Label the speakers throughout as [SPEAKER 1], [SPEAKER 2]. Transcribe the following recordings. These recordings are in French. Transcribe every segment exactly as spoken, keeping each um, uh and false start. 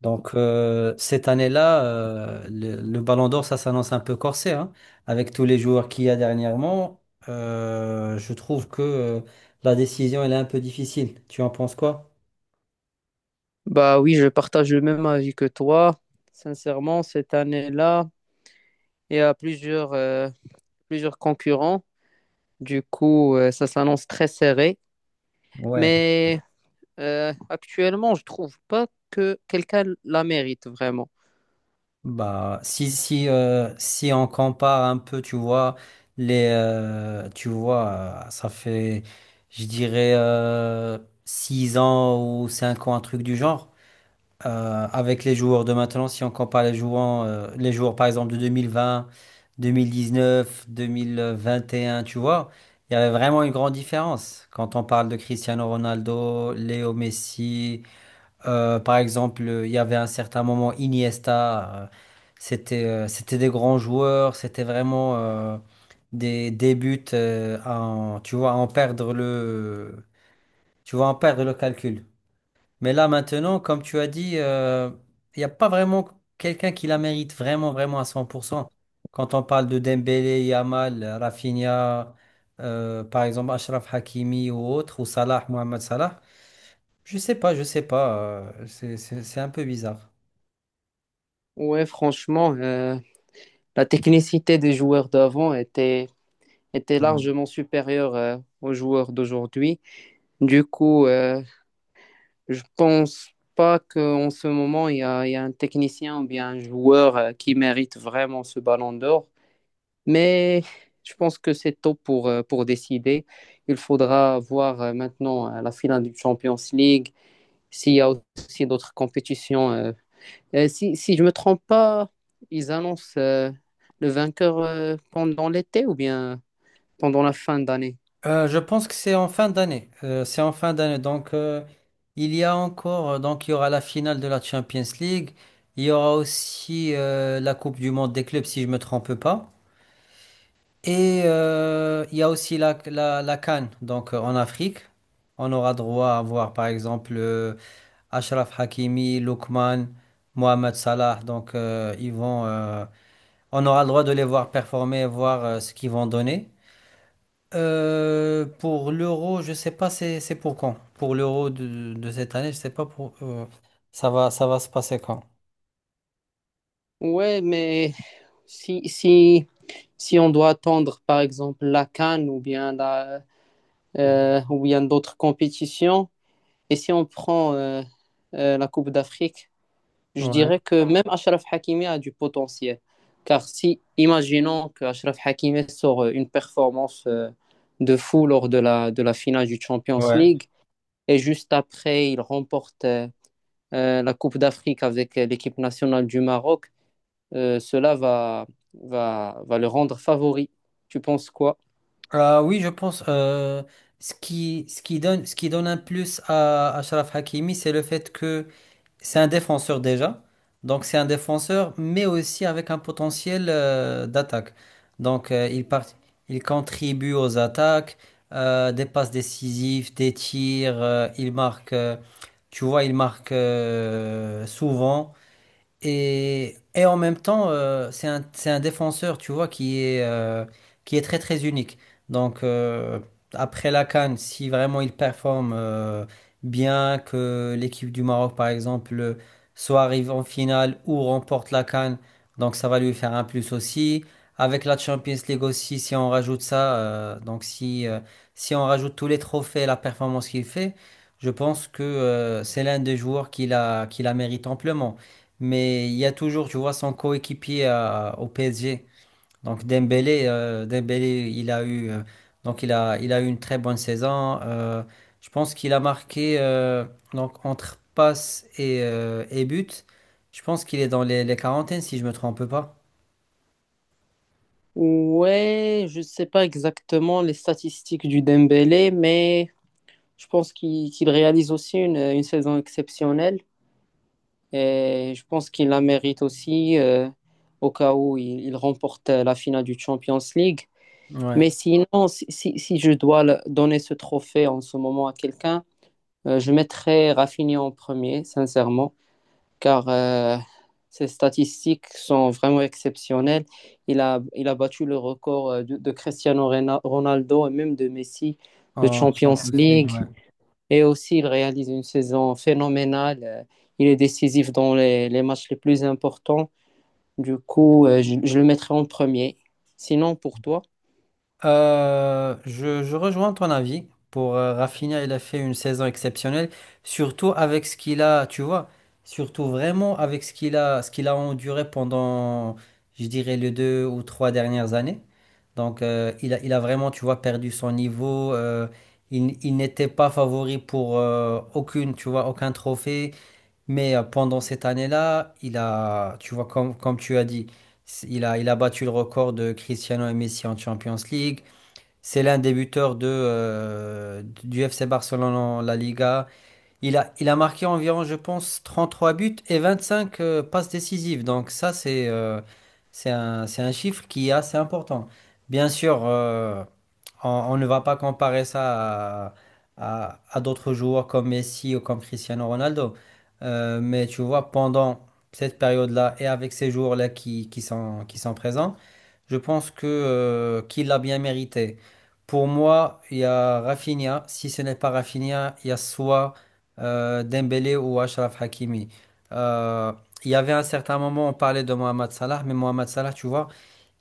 [SPEAKER 1] Donc euh, cette année-là, euh, le, le Ballon d'Or, ça s'annonce un peu corsé, hein, avec tous les joueurs qu'il y a dernièrement. Euh, je trouve que euh, la décision, elle est un peu difficile. Tu en penses quoi?
[SPEAKER 2] Bah oui, je partage le même avis que toi. Sincèrement, cette année-là, il y a plusieurs, euh, plusieurs concurrents. Du coup, euh, ça s'annonce très serré.
[SPEAKER 1] Ouais,
[SPEAKER 2] Mais euh, actuellement, je trouve pas que quelqu'un la mérite vraiment.
[SPEAKER 1] bah si si euh, si on compare un peu, tu vois les euh, tu vois euh, ça fait je dirais euh, six ans ou cinq ans un truc du genre. Euh, avec les joueurs de maintenant, si on compare les joueurs, euh, les joueurs par exemple de deux mille vingt, deux mille dix-neuf, deux mille vingt et un, tu vois, il y avait vraiment une grande différence. Quand on parle de Cristiano Ronaldo, Léo Messi, euh, par exemple, euh, il y avait un certain moment Iniesta, euh, c'était euh, c'était des grands joueurs, c'était vraiment euh, des, des buts euh, à en- tu vois, à en perdre le, tu vois, à en perdre le calcul. Mais là, maintenant, comme tu as dit, euh, il n'y a pas vraiment quelqu'un qui la mérite vraiment, vraiment à cent pour cent. Quand on parle de Dembélé, Yamal, Rafinha, euh, par exemple, Achraf Hakimi ou autre, ou Salah, Mohamed Salah, je sais pas, je sais pas. Euh, c'est, c'est- c'est un peu bizarre.
[SPEAKER 2] Ouais, franchement, euh, la technicité des joueurs d'avant était, était
[SPEAKER 1] Ouais.
[SPEAKER 2] largement supérieure euh, aux joueurs d'aujourd'hui. Du coup, euh, je pense pas qu'en ce moment, il y a, il y a un technicien ou bien un joueur euh, qui mérite vraiment ce ballon d'or. Mais je pense que c'est tôt pour, euh, pour décider. Il faudra voir euh, maintenant euh, la finale du Champions League, s'il y a aussi d'autres compétitions. euh. Euh, si, si, je ne me trompe pas, ils annoncent euh, le vainqueur euh, pendant l'été ou bien pendant la fin d'année.
[SPEAKER 1] Euh, je pense que c'est en fin d'année. Euh, c'est en fin d'année. Donc, euh, il y a encore, euh, donc, il y aura la finale de la Champions League. Il y aura aussi euh, la Coupe du Monde des clubs, si je me trompe pas. Et euh, il y a aussi la, la, la C A N, donc euh, en Afrique. On aura droit à voir par exemple euh, Achraf Hakimi, Lookman, Mohamed Salah. Donc euh, ils vont, euh, on aura le droit de les voir performer, voir euh, ce qu'ils vont donner. Euh, pour l'euro, je sais pas c'est c'est pour quand. Pour l'euro de, de cette année, je sais pas pour euh, ça va ça va se passer quand.
[SPEAKER 2] Ouais, mais si, si si on doit attendre, par exemple, la Cannes ou bien, la, euh, ou bien d'autres compétitions, et si on prend euh, euh, la Coupe d'Afrique, je
[SPEAKER 1] Ouais,
[SPEAKER 2] dirais que même Achraf Hakimi a du potentiel. Car si, imaginons que Achraf Hakimi sort euh, une performance euh, de fou lors de la, de la finale du Champions
[SPEAKER 1] ouais.
[SPEAKER 2] League, et juste après, il remporte euh, euh, la Coupe d'Afrique avec euh, l'équipe nationale du Maroc, euh, cela va, va, va le rendre favori. Tu penses quoi?
[SPEAKER 1] Ah oui, je pense euh, ce qui, ce qui donne, ce qui donne un plus à Achraf Hakimi, c'est le fait que c'est un défenseur déjà. Donc c'est un défenseur, mais aussi avec un potentiel euh, d'attaque. Donc euh, il part, il contribue aux attaques, euh, des passes décisives, des tirs, euh, il marque, euh, tu vois, il marque euh, souvent. Et, et en même temps, euh, c'est un, c'est un défenseur, tu vois, qui est, euh, qui est très très unique. Donc euh, après la C A N, si vraiment il performe euh, bien, que l'équipe du Maroc, par exemple, soit arrive en finale ou remporte la C A N, donc ça va lui faire un plus aussi. Avec la Champions League aussi, si on rajoute ça, euh, donc si, euh, si on rajoute tous les trophées et la performance qu'il fait, je pense que euh, c'est l'un des joueurs qui la, qui la mérite amplement. Mais il y a toujours, tu vois, son coéquipier à- au P S G. Donc Dembélé, euh, Dembélé, il a eu, euh, donc il a, il a eu une très bonne saison. Euh, je pense qu'il a marqué euh, donc entre passes et, euh, et buts. Je pense qu'il est dans les, les quarantaines, si je me trompe pas.
[SPEAKER 2] Ouais, je sais pas exactement les statistiques du Dembélé, mais je pense qu'il qu'il réalise aussi une, une saison exceptionnelle et je pense qu'il la mérite aussi euh, au cas où il, il remporte la finale du Champions League.
[SPEAKER 1] Ouais,
[SPEAKER 2] Mais sinon, si, si- si je dois le- donner ce trophée en ce moment à quelqu'un, euh, je mettrais Rafinha en premier, sincèrement car euh, ses statistiques sont vraiment exceptionnelles. Il a, il a battu le record euh, de, de Cristiano Ronaldo et même de Messi de
[SPEAKER 1] en
[SPEAKER 2] Champions
[SPEAKER 1] Champions League,
[SPEAKER 2] League.
[SPEAKER 1] ouais.
[SPEAKER 2] Et aussi, il réalise une saison phénoménale. Euh, Il est décisif dans les, les matchs les plus importants. Du coup, euh, je, je le mettrai en premier. Sinon, pour toi?
[SPEAKER 1] Euh, je, je rejoins ton avis. Pour euh, Rafinha, il a fait une saison exceptionnelle, surtout avec ce qu'il a, tu vois, surtout vraiment avec ce qu'il a, ce qu'il a enduré pendant, je dirais, les deux ou trois dernières années. Donc, euh, il a, il a vraiment, tu vois, perdu son niveau. euh, il il n'était pas favori pour euh, aucune, tu vois, aucun trophée. Mais euh, pendant cette année-là, il a, tu vois, comme, comme tu as dit, il a, il a battu le record de Cristiano et Messi en Champions League. C'est l'un des buteurs de, euh, du F C Barcelone en La Liga. Il a, il a marqué environ, je pense, trente-trois buts et vingt-cinq euh, passes décisives. Donc ça, c'est euh, c'est un, c'est un chiffre qui est assez important. Bien sûr, euh, on, on ne va pas comparer ça à, à, à d'autres joueurs comme Messi ou comme Cristiano Ronaldo. Euh, mais tu vois, pendant cette période-là et avec ces joueurs-là qui, qui sont, qui sont présents, je pense que euh, qu'il l'a bien mérité. Pour moi, il y a Rafinha. Si ce n'est pas Rafinha, il y a soit euh, Dembélé ou Achraf Hakimi. Euh, il y avait un certain moment, on parlait de Mohamed Salah, mais Mohamed Salah, tu vois,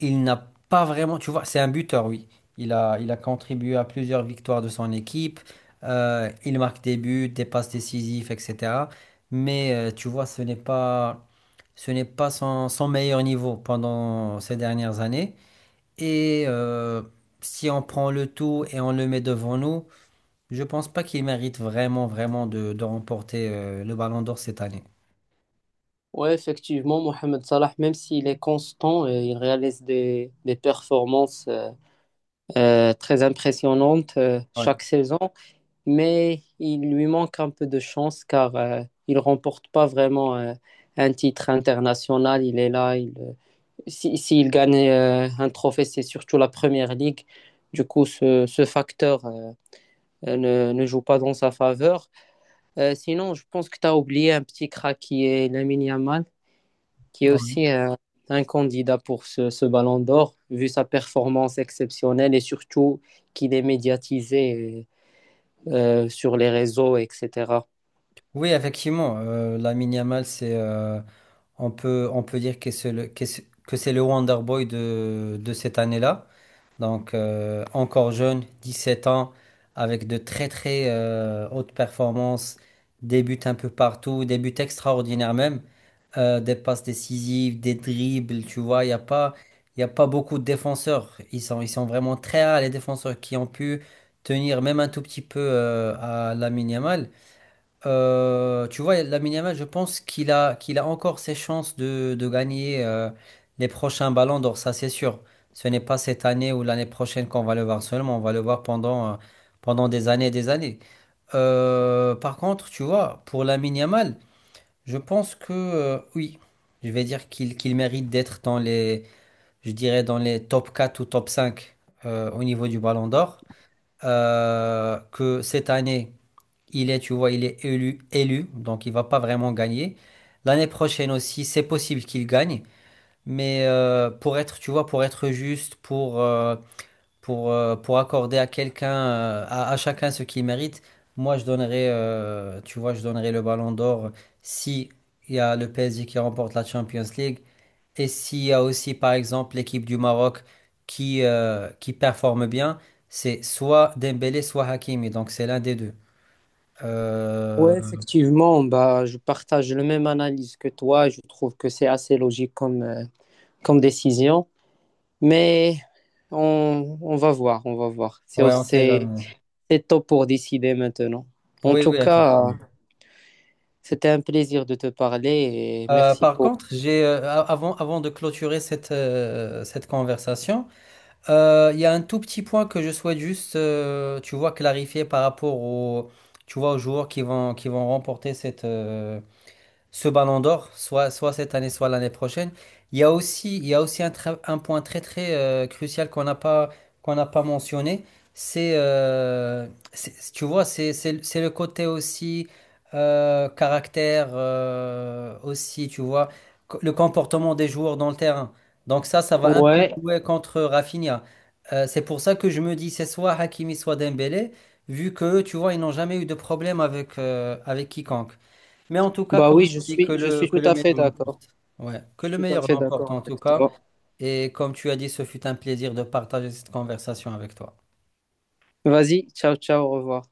[SPEAKER 1] il n'a pas vraiment, tu vois, c'est un buteur, oui. Il a, il a contribué à plusieurs victoires de son équipe. Euh, il marque des buts, des passes décisives, et cetera. Mais euh, tu vois, ce n'est pas, ce n'est pas son son meilleur niveau pendant ces dernières années. Et euh, si on prend le tout et on le met devant nous, je pense pas qu'il mérite vraiment, vraiment de, de remporter euh, le Ballon d'Or cette année.
[SPEAKER 2] Oui, effectivement, Mohamed Salah, même s'il est constant, euh, il réalise des, des performances euh, euh, très impressionnantes euh,
[SPEAKER 1] Ouais.
[SPEAKER 2] chaque saison. Mais il lui manque un peu de chance car euh, il remporte pas vraiment euh, un titre international. Il est là, il, euh, si, s'il gagne euh, un trophée, c'est surtout la Première Ligue. Du coup, ce, ce facteur euh, ne, ne joue pas dans sa faveur. Euh, sinon, je pense que tu as oublié un petit crack qui est Lamine Yamal, qui est
[SPEAKER 1] Ouais.
[SPEAKER 2] aussi euh, un candidat pour ce, ce Ballon d'Or, vu sa performance exceptionnelle et surtout qu'il est médiatisé euh, sur les réseaux, et cétéra.
[SPEAKER 1] Oui, effectivement, euh, Lamine Yamal, c'est, euh, on peut, on peut dire que c'est le, que c'est que c'est le Wonder Boy de, de cette année-là. Donc, euh, encore jeune, dix-sept ans, avec de très très euh, hautes performances, des buts un peu partout, des buts extraordinaires même, euh, des passes décisives, des dribbles, tu vois, il n'y a pas, il y a pas beaucoup de défenseurs. Ils sont, ils sont vraiment très rares, les défenseurs qui ont pu tenir même un tout petit peu euh, à la minimale euh, tu vois, Lamine Yamal, je pense qu'il a, qu'il a encore ses chances de, de gagner euh, les prochains ballons d'or, ça c'est sûr. Ce n'est pas cette année ou l'année prochaine qu'on va le voir seulement, on va le voir pendant, euh, pendant des années et des années. Euh, par contre, tu vois, pour Lamine Yamal, je pense que euh, oui, je vais dire qu'il qu'il mérite d'être dans les, je dirais, dans les top quatre ou top cinq euh, au niveau du ballon d'or. Euh, que cette année. Il est, tu vois, il est élu, élu, donc il va pas vraiment gagner. L'année prochaine aussi, c'est possible qu'il gagne, mais euh, pour être, tu vois, pour être juste, pour euh, pour euh, pour accorder à quelqu'un, euh, à, à chacun ce qu'il mérite, moi je donnerais, euh, tu vois, je donnerais le Ballon d'Or si il y a le P S G qui remporte la Champions League et s'il y a aussi, par exemple, l'équipe du Maroc qui euh, qui performe bien, c'est soit Dembélé, soit Hakimi, donc c'est l'un des deux. Euh,
[SPEAKER 2] Ouais, effectivement, bah, je partage le même analyse que toi. Je trouve que c'est assez logique comme, euh, comme décision. Mais on, on va voir, on va voir. C'est, au-
[SPEAKER 1] Ouais, on sait
[SPEAKER 2] c'est,
[SPEAKER 1] jamais.
[SPEAKER 2] c'est tôt pour décider maintenant. En
[SPEAKER 1] Oui,
[SPEAKER 2] tout
[SPEAKER 1] oui,
[SPEAKER 2] cas, euh,
[SPEAKER 1] effectivement.
[SPEAKER 2] c'était un plaisir de te parler et
[SPEAKER 1] Euh,
[SPEAKER 2] merci
[SPEAKER 1] par
[SPEAKER 2] pour...
[SPEAKER 1] contre, j'ai euh, a- avant, avant de clôturer cette, euh, cette conversation, euh, il y a un tout petit point que je souhaite juste, euh, tu vois, clarifier par rapport aux, tu vois, aux joueurs qui vont, qui vont remporter cette, euh, ce Ballon d'Or, soit, soit cette année, soit l'année prochaine. Il y a aussi, il y a aussi un, tra- un point très très euh, crucial qu'on n'a pas, qu'on n'a pas mentionné. C'est, euh, c'est- tu vois, c'est c'est- c'est le côté aussi euh, caractère, euh, aussi, tu vois, co- le comportement des joueurs dans le terrain. Donc ça, ça va un peu
[SPEAKER 2] Ouais,
[SPEAKER 1] jouer contre Rafinha. Euh, c'est pour ça que je me dis, c'est soit Hakimi, soit Dembélé, vu que, tu vois, ils n'ont jamais eu de problème avec, euh, avec quiconque. Mais en tout cas,
[SPEAKER 2] bah
[SPEAKER 1] comme
[SPEAKER 2] oui,
[SPEAKER 1] on
[SPEAKER 2] je
[SPEAKER 1] dit, que
[SPEAKER 2] suis, je
[SPEAKER 1] le,
[SPEAKER 2] suis
[SPEAKER 1] que
[SPEAKER 2] tout
[SPEAKER 1] le
[SPEAKER 2] à
[SPEAKER 1] meilleur
[SPEAKER 2] fait d'accord.
[SPEAKER 1] l'emporte. Ouais, que
[SPEAKER 2] Je
[SPEAKER 1] le
[SPEAKER 2] suis tout à
[SPEAKER 1] meilleur
[SPEAKER 2] fait
[SPEAKER 1] l'emporte
[SPEAKER 2] d'accord
[SPEAKER 1] en tout
[SPEAKER 2] avec
[SPEAKER 1] cas.
[SPEAKER 2] toi.
[SPEAKER 1] Et comme tu as dit, ce fut un plaisir de partager cette conversation avec toi.
[SPEAKER 2] Vas-y, ciao, ciao, au revoir.